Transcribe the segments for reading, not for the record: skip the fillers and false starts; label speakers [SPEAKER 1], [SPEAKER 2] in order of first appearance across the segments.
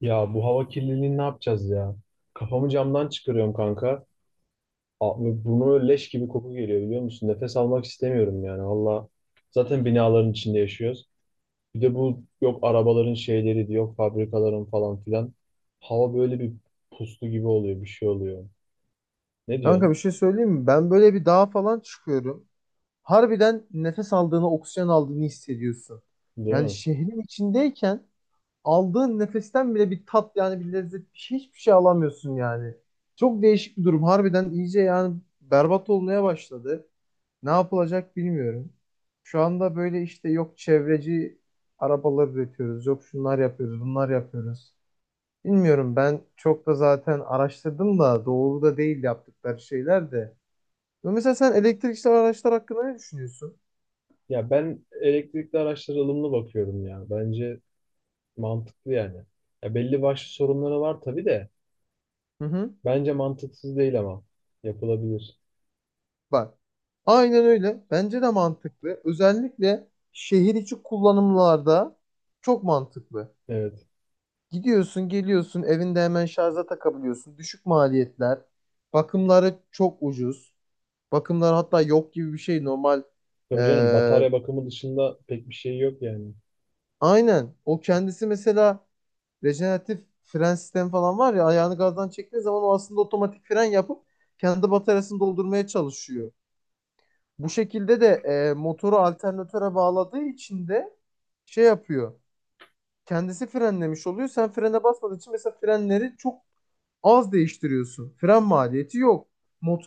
[SPEAKER 1] Ya bu hava kirliliğini ne yapacağız ya? Kafamı camdan çıkarıyorum kanka. A- ve leş gibi koku geliyor biliyor musun? Nefes almak istemiyorum yani valla. Zaten binaların içinde yaşıyoruz. Bir de bu yok arabaların şeyleri yok fabrikaların falan filan. Hava böyle bir puslu gibi oluyor bir şey oluyor. Ne
[SPEAKER 2] Kanka bir
[SPEAKER 1] diyorsun?
[SPEAKER 2] şey söyleyeyim mi? Ben böyle bir dağa falan çıkıyorum. Harbiden nefes aldığını, oksijen aldığını hissediyorsun.
[SPEAKER 1] Değil
[SPEAKER 2] Yani
[SPEAKER 1] mi?
[SPEAKER 2] şehrin içindeyken aldığın nefesten bile bir tat, yani bir lezzet, bir şey, hiçbir şey alamıyorsun yani. Çok değişik bir durum. Harbiden iyice yani berbat olmaya başladı. Ne yapılacak bilmiyorum. Şu anda böyle işte yok çevreci arabalar üretiyoruz, yok şunlar yapıyoruz, bunlar yapıyoruz. Bilmiyorum, ben çok da zaten araştırdım da doğru da değil yaptıkları şeyler de. Ve mesela sen elektrikli araçlar hakkında ne düşünüyorsun?
[SPEAKER 1] Ya ben elektrikli araçlara ılımlı bakıyorum ya. Bence mantıklı yani. Ya belli başlı sorunları var tabii de.
[SPEAKER 2] Hı hı.
[SPEAKER 1] Bence mantıksız değil ama yapılabilir.
[SPEAKER 2] Bak. Aynen öyle. Bence de mantıklı. Özellikle şehir içi kullanımlarda çok mantıklı.
[SPEAKER 1] Evet.
[SPEAKER 2] Gidiyorsun, geliyorsun, evinde hemen şarja takabiliyorsun. Düşük maliyetler. Bakımları çok ucuz. Bakımlar hatta yok gibi bir şey normal.
[SPEAKER 1] Tabii canım
[SPEAKER 2] Ee,
[SPEAKER 1] batarya bakımı dışında pek bir şey yok yani.
[SPEAKER 2] aynen. O kendisi mesela rejeneratif fren sistemi falan var ya, ayağını gazdan çektiği zaman o aslında otomatik fren yapıp kendi bataryasını doldurmaya çalışıyor. Bu şekilde de motoru alternatöre bağladığı için de şey yapıyor. Kendisi frenlemiş oluyor. Sen frene basmadığın için mesela frenleri çok az değiştiriyorsun. Fren maliyeti yok.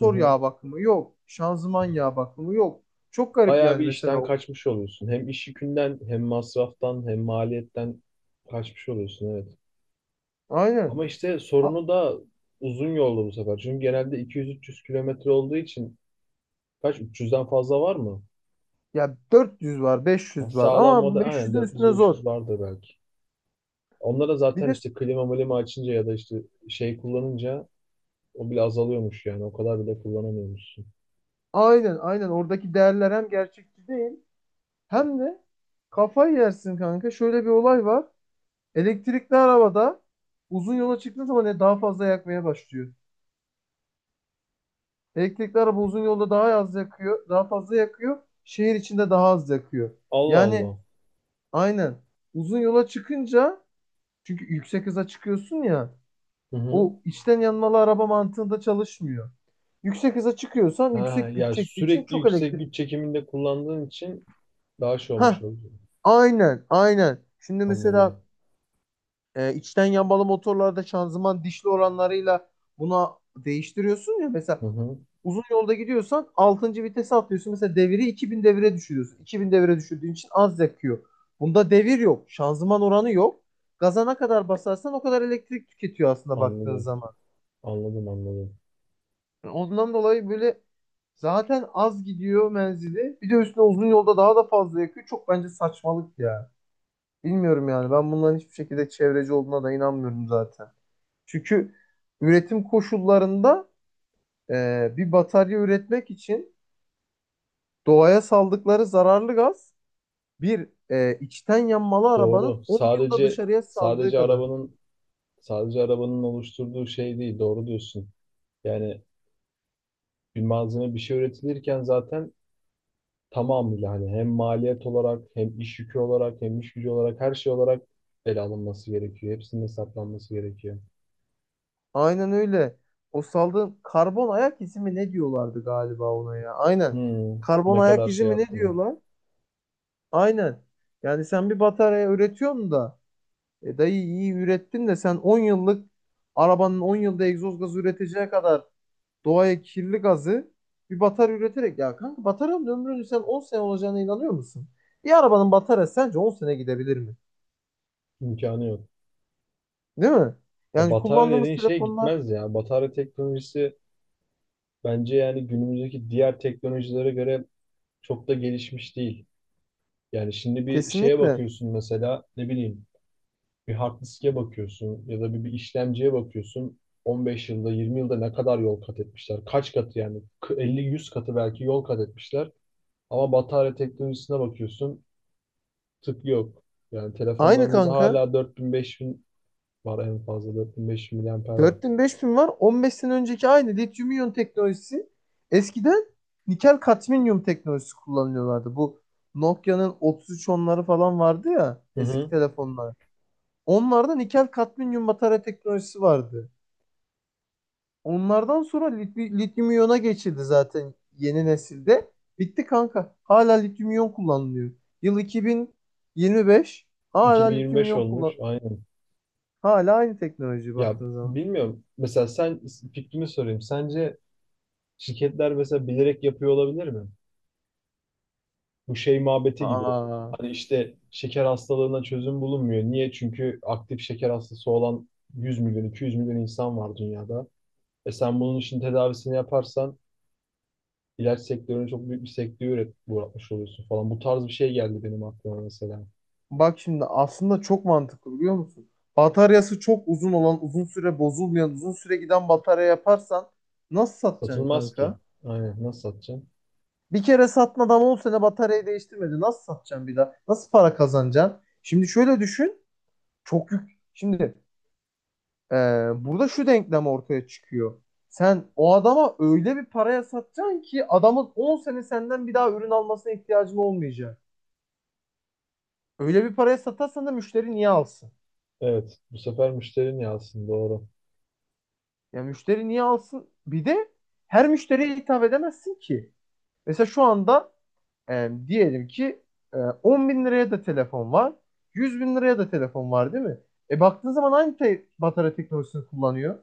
[SPEAKER 1] Hı hı.
[SPEAKER 2] yağ bakımı yok. Şanzıman yağ bakımı yok. Çok garip
[SPEAKER 1] Bayağı
[SPEAKER 2] yani
[SPEAKER 1] bir
[SPEAKER 2] mesela.
[SPEAKER 1] işten kaçmış oluyorsun. Hem iş yükünden hem masraftan hem maliyetten kaçmış oluyorsun evet.
[SPEAKER 2] Aynen.
[SPEAKER 1] Ama işte
[SPEAKER 2] A-
[SPEAKER 1] sorunu da uzun yolda bu sefer. Çünkü genelde 200-300 kilometre olduğu için kaç 300'den fazla var mı?
[SPEAKER 2] Ya 400 var,
[SPEAKER 1] Yani
[SPEAKER 2] 500 var
[SPEAKER 1] sağlam
[SPEAKER 2] ama
[SPEAKER 1] moda aynen
[SPEAKER 2] 500'ün üstüne zor.
[SPEAKER 1] 400-500 vardır belki. Onlara
[SPEAKER 2] Bir
[SPEAKER 1] zaten
[SPEAKER 2] de s-
[SPEAKER 1] işte klima milima açınca ya da işte şey kullanınca o bile azalıyormuş yani. O kadar bile kullanamıyormuşsun.
[SPEAKER 2] aynen aynen, oradaki değerler hem gerçekçi değil hem de kafayı yersin kanka. Şöyle bir olay var. Elektrikli arabada uzun yola çıktığın zaman daha fazla yakmaya başlıyor. Elektrikli araba uzun yolda daha az yakıyor, daha fazla yakıyor. Şehir içinde daha az yakıyor.
[SPEAKER 1] Allah
[SPEAKER 2] Yani
[SPEAKER 1] Allah.
[SPEAKER 2] aynen uzun yola çıkınca, çünkü yüksek hıza çıkıyorsun ya,
[SPEAKER 1] Hı hı.
[SPEAKER 2] o içten yanmalı araba mantığında çalışmıyor. Yüksek hıza çıkıyorsan
[SPEAKER 1] Ha,
[SPEAKER 2] yüksek güç
[SPEAKER 1] ya
[SPEAKER 2] çektiği için
[SPEAKER 1] sürekli
[SPEAKER 2] çok
[SPEAKER 1] yüksek
[SPEAKER 2] elektrik.
[SPEAKER 1] güç çekiminde kullandığın için daha şey olmuş
[SPEAKER 2] Ha,
[SPEAKER 1] oldu.
[SPEAKER 2] aynen, aynen. Şimdi mesela
[SPEAKER 1] Anladım.
[SPEAKER 2] içten yanmalı motorlarda şanzıman dişli oranlarıyla buna değiştiriyorsun ya mesela.
[SPEAKER 1] Hı hı.
[SPEAKER 2] Uzun yolda gidiyorsan altıncı vitese atlıyorsun. Mesela deviri 2000 devire düşürüyorsun. 2000 devire düşürdüğün için az yakıyor. Bunda devir yok. Şanzıman oranı yok. Gaza ne kadar basarsan o kadar elektrik tüketiyor aslında baktığın
[SPEAKER 1] Anladım.
[SPEAKER 2] zaman.
[SPEAKER 1] Anladım, anladım.
[SPEAKER 2] Yani ondan dolayı böyle zaten az gidiyor menzili. Bir de üstüne uzun yolda daha da fazla yakıyor. Çok bence saçmalık ya. Bilmiyorum yani. Ben bunların hiçbir şekilde çevreci olduğuna da inanmıyorum zaten. Çünkü üretim koşullarında bir batarya üretmek için doğaya saldıkları zararlı gaz, bir içten yanmalı arabanın
[SPEAKER 1] Doğru.
[SPEAKER 2] 10 yılda dışarıya saldığı kadar.
[SPEAKER 1] Sadece arabanın oluşturduğu şey değil. Doğru diyorsun. Yani bir malzeme bir şey üretilirken zaten tamamıyla hani hem maliyet olarak hem iş yükü olarak hem iş gücü olarak her şey olarak ele alınması gerekiyor. Hepsinin hesaplanması gerekiyor.
[SPEAKER 2] Aynen öyle. O saldığın karbon ayak izi mi ne diyorlardı galiba ona ya? Aynen.
[SPEAKER 1] Hmm,
[SPEAKER 2] Karbon
[SPEAKER 1] ne
[SPEAKER 2] ayak
[SPEAKER 1] kadar
[SPEAKER 2] izi
[SPEAKER 1] şey
[SPEAKER 2] mi ne
[SPEAKER 1] yaptığını.
[SPEAKER 2] diyorlar? Aynen. Yani sen bir batarya üretiyorsun da, dayı, iyi ürettin de sen 10 yıllık arabanın 10 yılda egzoz gazı üreteceği kadar doğaya kirli gazı bir batarya üreterek, ya kanka, bataryanın ömrünün sen 10 sene olacağına inanıyor musun? Bir arabanın bataryası sence 10 sene gidebilir mi?
[SPEAKER 1] İmkanı yok.
[SPEAKER 2] Değil mi?
[SPEAKER 1] Ya
[SPEAKER 2] Yani
[SPEAKER 1] batarya
[SPEAKER 2] kullandığımız
[SPEAKER 1] dediğin şey
[SPEAKER 2] telefonlar
[SPEAKER 1] gitmez ya. Batarya teknolojisi bence yani günümüzdeki diğer teknolojilere göre çok da gelişmiş değil. Yani şimdi bir şeye
[SPEAKER 2] kesinlikle
[SPEAKER 1] bakıyorsun mesela ne bileyim bir hard diske bakıyorsun ya da bir işlemciye bakıyorsun. 15 yılda 20 yılda ne kadar yol kat etmişler? Kaç katı yani? 50, 100 katı belki yol kat etmişler. Ama batarya teknolojisine bakıyorsun tık yok. Yani
[SPEAKER 2] aynı
[SPEAKER 1] telefonlarımızda
[SPEAKER 2] kanka.
[SPEAKER 1] hala 4000, 5000 var en fazla 4000 bin beş bin miliamper var.
[SPEAKER 2] 4000 5000 var. 15 sene önceki aynı lityum iyon teknolojisi. Eskiden nikel kadmiyum teknolojisi kullanıyorlardı. Bu Nokia'nın otuz üç onları falan vardı ya,
[SPEAKER 1] Hı
[SPEAKER 2] eski
[SPEAKER 1] hı.
[SPEAKER 2] telefonlar. Onlarda nikel kadmiyum batarya teknolojisi vardı. Onlardan sonra lityum iyona geçildi zaten yeni nesilde. Bitti kanka. Hala lityum iyon kullanılıyor. Yıl 2025, hala lityum
[SPEAKER 1] 2025
[SPEAKER 2] iyon
[SPEAKER 1] olmuş.
[SPEAKER 2] kullan.
[SPEAKER 1] Aynen.
[SPEAKER 2] Hala aynı teknoloji
[SPEAKER 1] Ya
[SPEAKER 2] baktığın zaman.
[SPEAKER 1] bilmiyorum. Mesela sen fikrini sorayım. Sence şirketler mesela bilerek yapıyor olabilir mi? Bu şey muhabbeti gibi.
[SPEAKER 2] Aa,
[SPEAKER 1] Hani işte şeker hastalığına çözüm bulunmuyor. Niye? Çünkü aktif şeker hastası olan 100 milyon, 200 milyon insan var dünyada. E sen bunun için tedavisini yaparsan ilaç sektörüne çok büyük bir sektörü uğratmış oluyorsun falan. Bu tarz bir şey geldi benim aklıma mesela.
[SPEAKER 2] bak şimdi aslında çok mantıklı biliyor musun? Bataryası çok uzun olan, uzun süre bozulmayan, uzun süre giden batarya yaparsan nasıl satacaksın
[SPEAKER 1] Satılmaz ki.
[SPEAKER 2] kanka?
[SPEAKER 1] Aynen. Nasıl satacaksın?
[SPEAKER 2] Bir kere satın, adam 10 sene bataryayı değiştirmedi. Nasıl satacaksın bir daha? Nasıl para kazanacaksın? Şimdi şöyle düşün. Çok yük. Şimdi Ee, burada şu denklem ortaya çıkıyor. Sen o adama öyle bir paraya satacaksın ki adamın 10 sene senden bir daha ürün almasına ihtiyacın olmayacak. Öyle bir paraya satarsan da müşteri niye alsın?
[SPEAKER 1] Evet. Bu sefer müşterin yazsın. Doğru.
[SPEAKER 2] Ya müşteri niye alsın? Bir de her müşteriye hitap edemezsin ki. Mesela şu anda diyelim ki 10 bin liraya da telefon var. 100 bin liraya da telefon var değil mi? E baktığın zaman aynı batarya teknolojisini kullanıyor.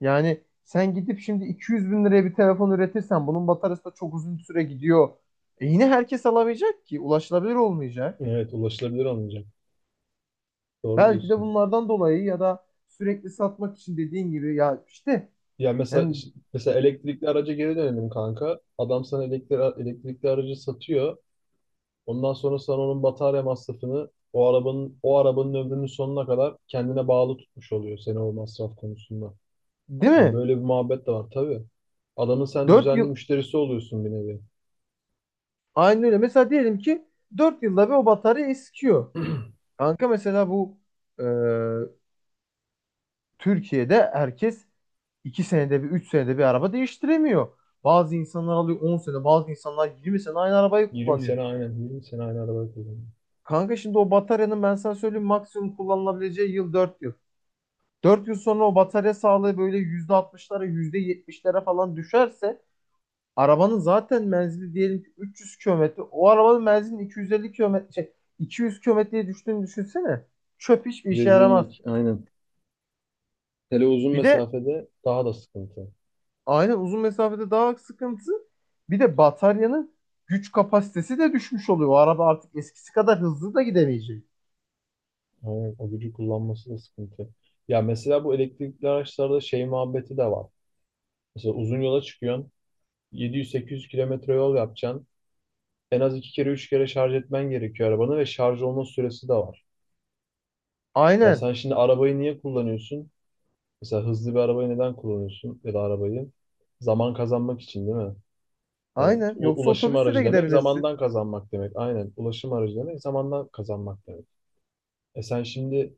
[SPEAKER 2] Yani sen gidip şimdi 200 bin liraya bir telefon üretirsen bunun bataryası da çok uzun süre gidiyor. E yine herkes alamayacak ki. Ulaşılabilir olmayacak.
[SPEAKER 1] Evet. Ulaşılabilir olmayacak. Doğru
[SPEAKER 2] Belki de
[SPEAKER 1] diyorsun.
[SPEAKER 2] bunlardan dolayı, ya da sürekli satmak için dediğin gibi, ya işte,
[SPEAKER 1] Ya mesela
[SPEAKER 2] yani,
[SPEAKER 1] mesela elektrikli araca geri dönelim kanka. Adam sana elektrikli aracı satıyor. Ondan sonra sana onun batarya masrafını o arabanın ömrünün sonuna kadar kendine bağlı tutmuş oluyor seni o masraf konusunda.
[SPEAKER 2] değil
[SPEAKER 1] Hani
[SPEAKER 2] mi?
[SPEAKER 1] böyle bir muhabbet de var tabii. Adamın sen
[SPEAKER 2] 4
[SPEAKER 1] düzenli
[SPEAKER 2] yıl,
[SPEAKER 1] müşterisi oluyorsun bir nevi.
[SPEAKER 2] aynı öyle. Mesela diyelim ki 4 yılda bir o batarya eskiyor. Kanka mesela bu e, Türkiye'de herkes 2 senede bir, 3 senede bir araba değiştiremiyor. Bazı insanlar alıyor 10 sene, bazı insanlar 20 sene aynı arabayı
[SPEAKER 1] 20 sene,
[SPEAKER 2] kullanıyor.
[SPEAKER 1] aynen, 20 sene aynı arabayı kullanıyor.
[SPEAKER 2] Kanka şimdi o bataryanın ben sana söyleyeyim maksimum kullanılabileceği yıl 4 yıl. Dört yıl sonra o batarya sağlığı böyle %60'lara, %70'lere falan düşerse arabanın zaten menzili diyelim ki 300 kilometre. O arabanın menzilinin 250 kilometre, şey, 200 kilometreye düştüğünü düşünsene. Çöp, hiçbir işe yaramaz.
[SPEAKER 1] Rezillik aynen. Hele uzun
[SPEAKER 2] Bir de
[SPEAKER 1] mesafede daha da sıkıntı.
[SPEAKER 2] aynen uzun mesafede daha sıkıntı. Bir de bataryanın güç kapasitesi de düşmüş oluyor. O araba artık eskisi kadar hızlı da gidemeyecek.
[SPEAKER 1] Aynen o gücü kullanması da sıkıntı. Ya mesela bu elektrikli araçlarda şey muhabbeti de var. Mesela uzun yola çıkıyorsun. 700-800 kilometre yol yapacaksın. En az iki kere üç kere şarj etmen gerekiyor arabanı ve şarj olma süresi de var. Ya
[SPEAKER 2] Aynen.
[SPEAKER 1] sen şimdi arabayı niye kullanıyorsun? Mesela hızlı bir arabayı neden kullanıyorsun ya da arabayı? Zaman kazanmak için değil mi? Yani
[SPEAKER 2] Aynen.
[SPEAKER 1] u-
[SPEAKER 2] Yoksa
[SPEAKER 1] ulaşım
[SPEAKER 2] otobüsle de
[SPEAKER 1] aracı demek
[SPEAKER 2] gidebilirsin.
[SPEAKER 1] zamandan kazanmak demek. Aynen ulaşım aracı demek zamandan kazanmak demek. E sen şimdi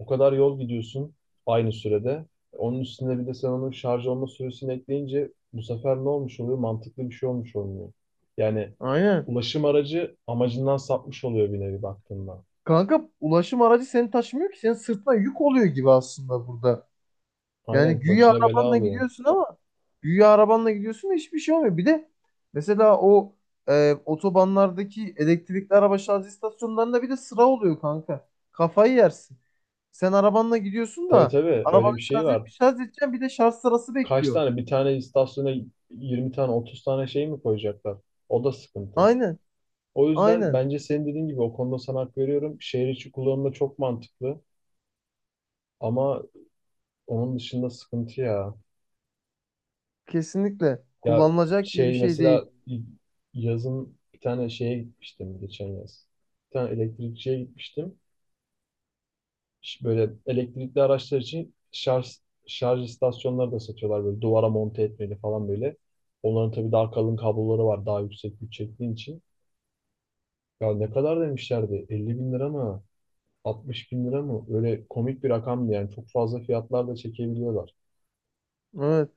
[SPEAKER 1] o kadar yol gidiyorsun aynı sürede. Onun üstüne bir de sen onun şarj olma süresini ekleyince bu sefer ne olmuş oluyor? Mantıklı bir şey olmuş olmuyor. Yani
[SPEAKER 2] Aynen.
[SPEAKER 1] ulaşım aracı amacından sapmış oluyor bir nevi baktığında.
[SPEAKER 2] Kanka ulaşım aracı seni taşımıyor ki, senin sırtına yük oluyor gibi aslında burada. Yani
[SPEAKER 1] Aynen
[SPEAKER 2] güya
[SPEAKER 1] başına bela
[SPEAKER 2] arabanla
[SPEAKER 1] alıyor.
[SPEAKER 2] gidiyorsun ama güya arabanla gidiyorsun da hiçbir şey olmuyor. Bir de mesela o otobanlardaki elektrikli araba şarj istasyonlarında bir de sıra oluyor kanka. Kafayı yersin. Sen arabanla gidiyorsun
[SPEAKER 1] Tabii
[SPEAKER 2] da
[SPEAKER 1] tabii öyle
[SPEAKER 2] arabanı
[SPEAKER 1] bir
[SPEAKER 2] şarj
[SPEAKER 1] şey var.
[SPEAKER 2] et, bir şarj edeceksin, bir de şarj sırası
[SPEAKER 1] Kaç
[SPEAKER 2] bekliyor.
[SPEAKER 1] tane bir tane istasyona 20 tane 30 tane şey mi koyacaklar? O da sıkıntı.
[SPEAKER 2] Aynen,
[SPEAKER 1] O yüzden
[SPEAKER 2] aynen.
[SPEAKER 1] bence senin dediğin gibi o konuda sana hak veriyorum. Şehir içi kullanımda çok mantıklı ama onun dışında sıkıntı ya.
[SPEAKER 2] Kesinlikle
[SPEAKER 1] Ya
[SPEAKER 2] kullanılacak gibi bir
[SPEAKER 1] şey
[SPEAKER 2] şey değil.
[SPEAKER 1] mesela yazın bir tane şeye gitmiştim geçen yaz. Bir tane elektrikçiye gitmiştim. Böyle elektrikli araçlar için şarj istasyonları da satıyorlar böyle duvara monte etmeli falan böyle. Onların tabii daha kalın kabloları var daha yüksek güç çektiğin için. Ya ne kadar demişlerdi? 50 bin lira mı? 60 bin lira mı? Öyle komik bir rakamdı yani. Çok fazla fiyatlar da çekebiliyorlar.
[SPEAKER 2] Evet,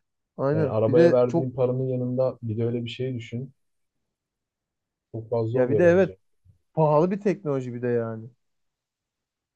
[SPEAKER 1] Yani
[SPEAKER 2] aynen. Bir
[SPEAKER 1] arabaya
[SPEAKER 2] de çok,
[SPEAKER 1] verdiğin paranın yanında bir de öyle bir şey düşün. Çok fazla
[SPEAKER 2] ya, bir de
[SPEAKER 1] oluyor
[SPEAKER 2] evet,
[SPEAKER 1] bence.
[SPEAKER 2] pahalı bir teknoloji bir de yani.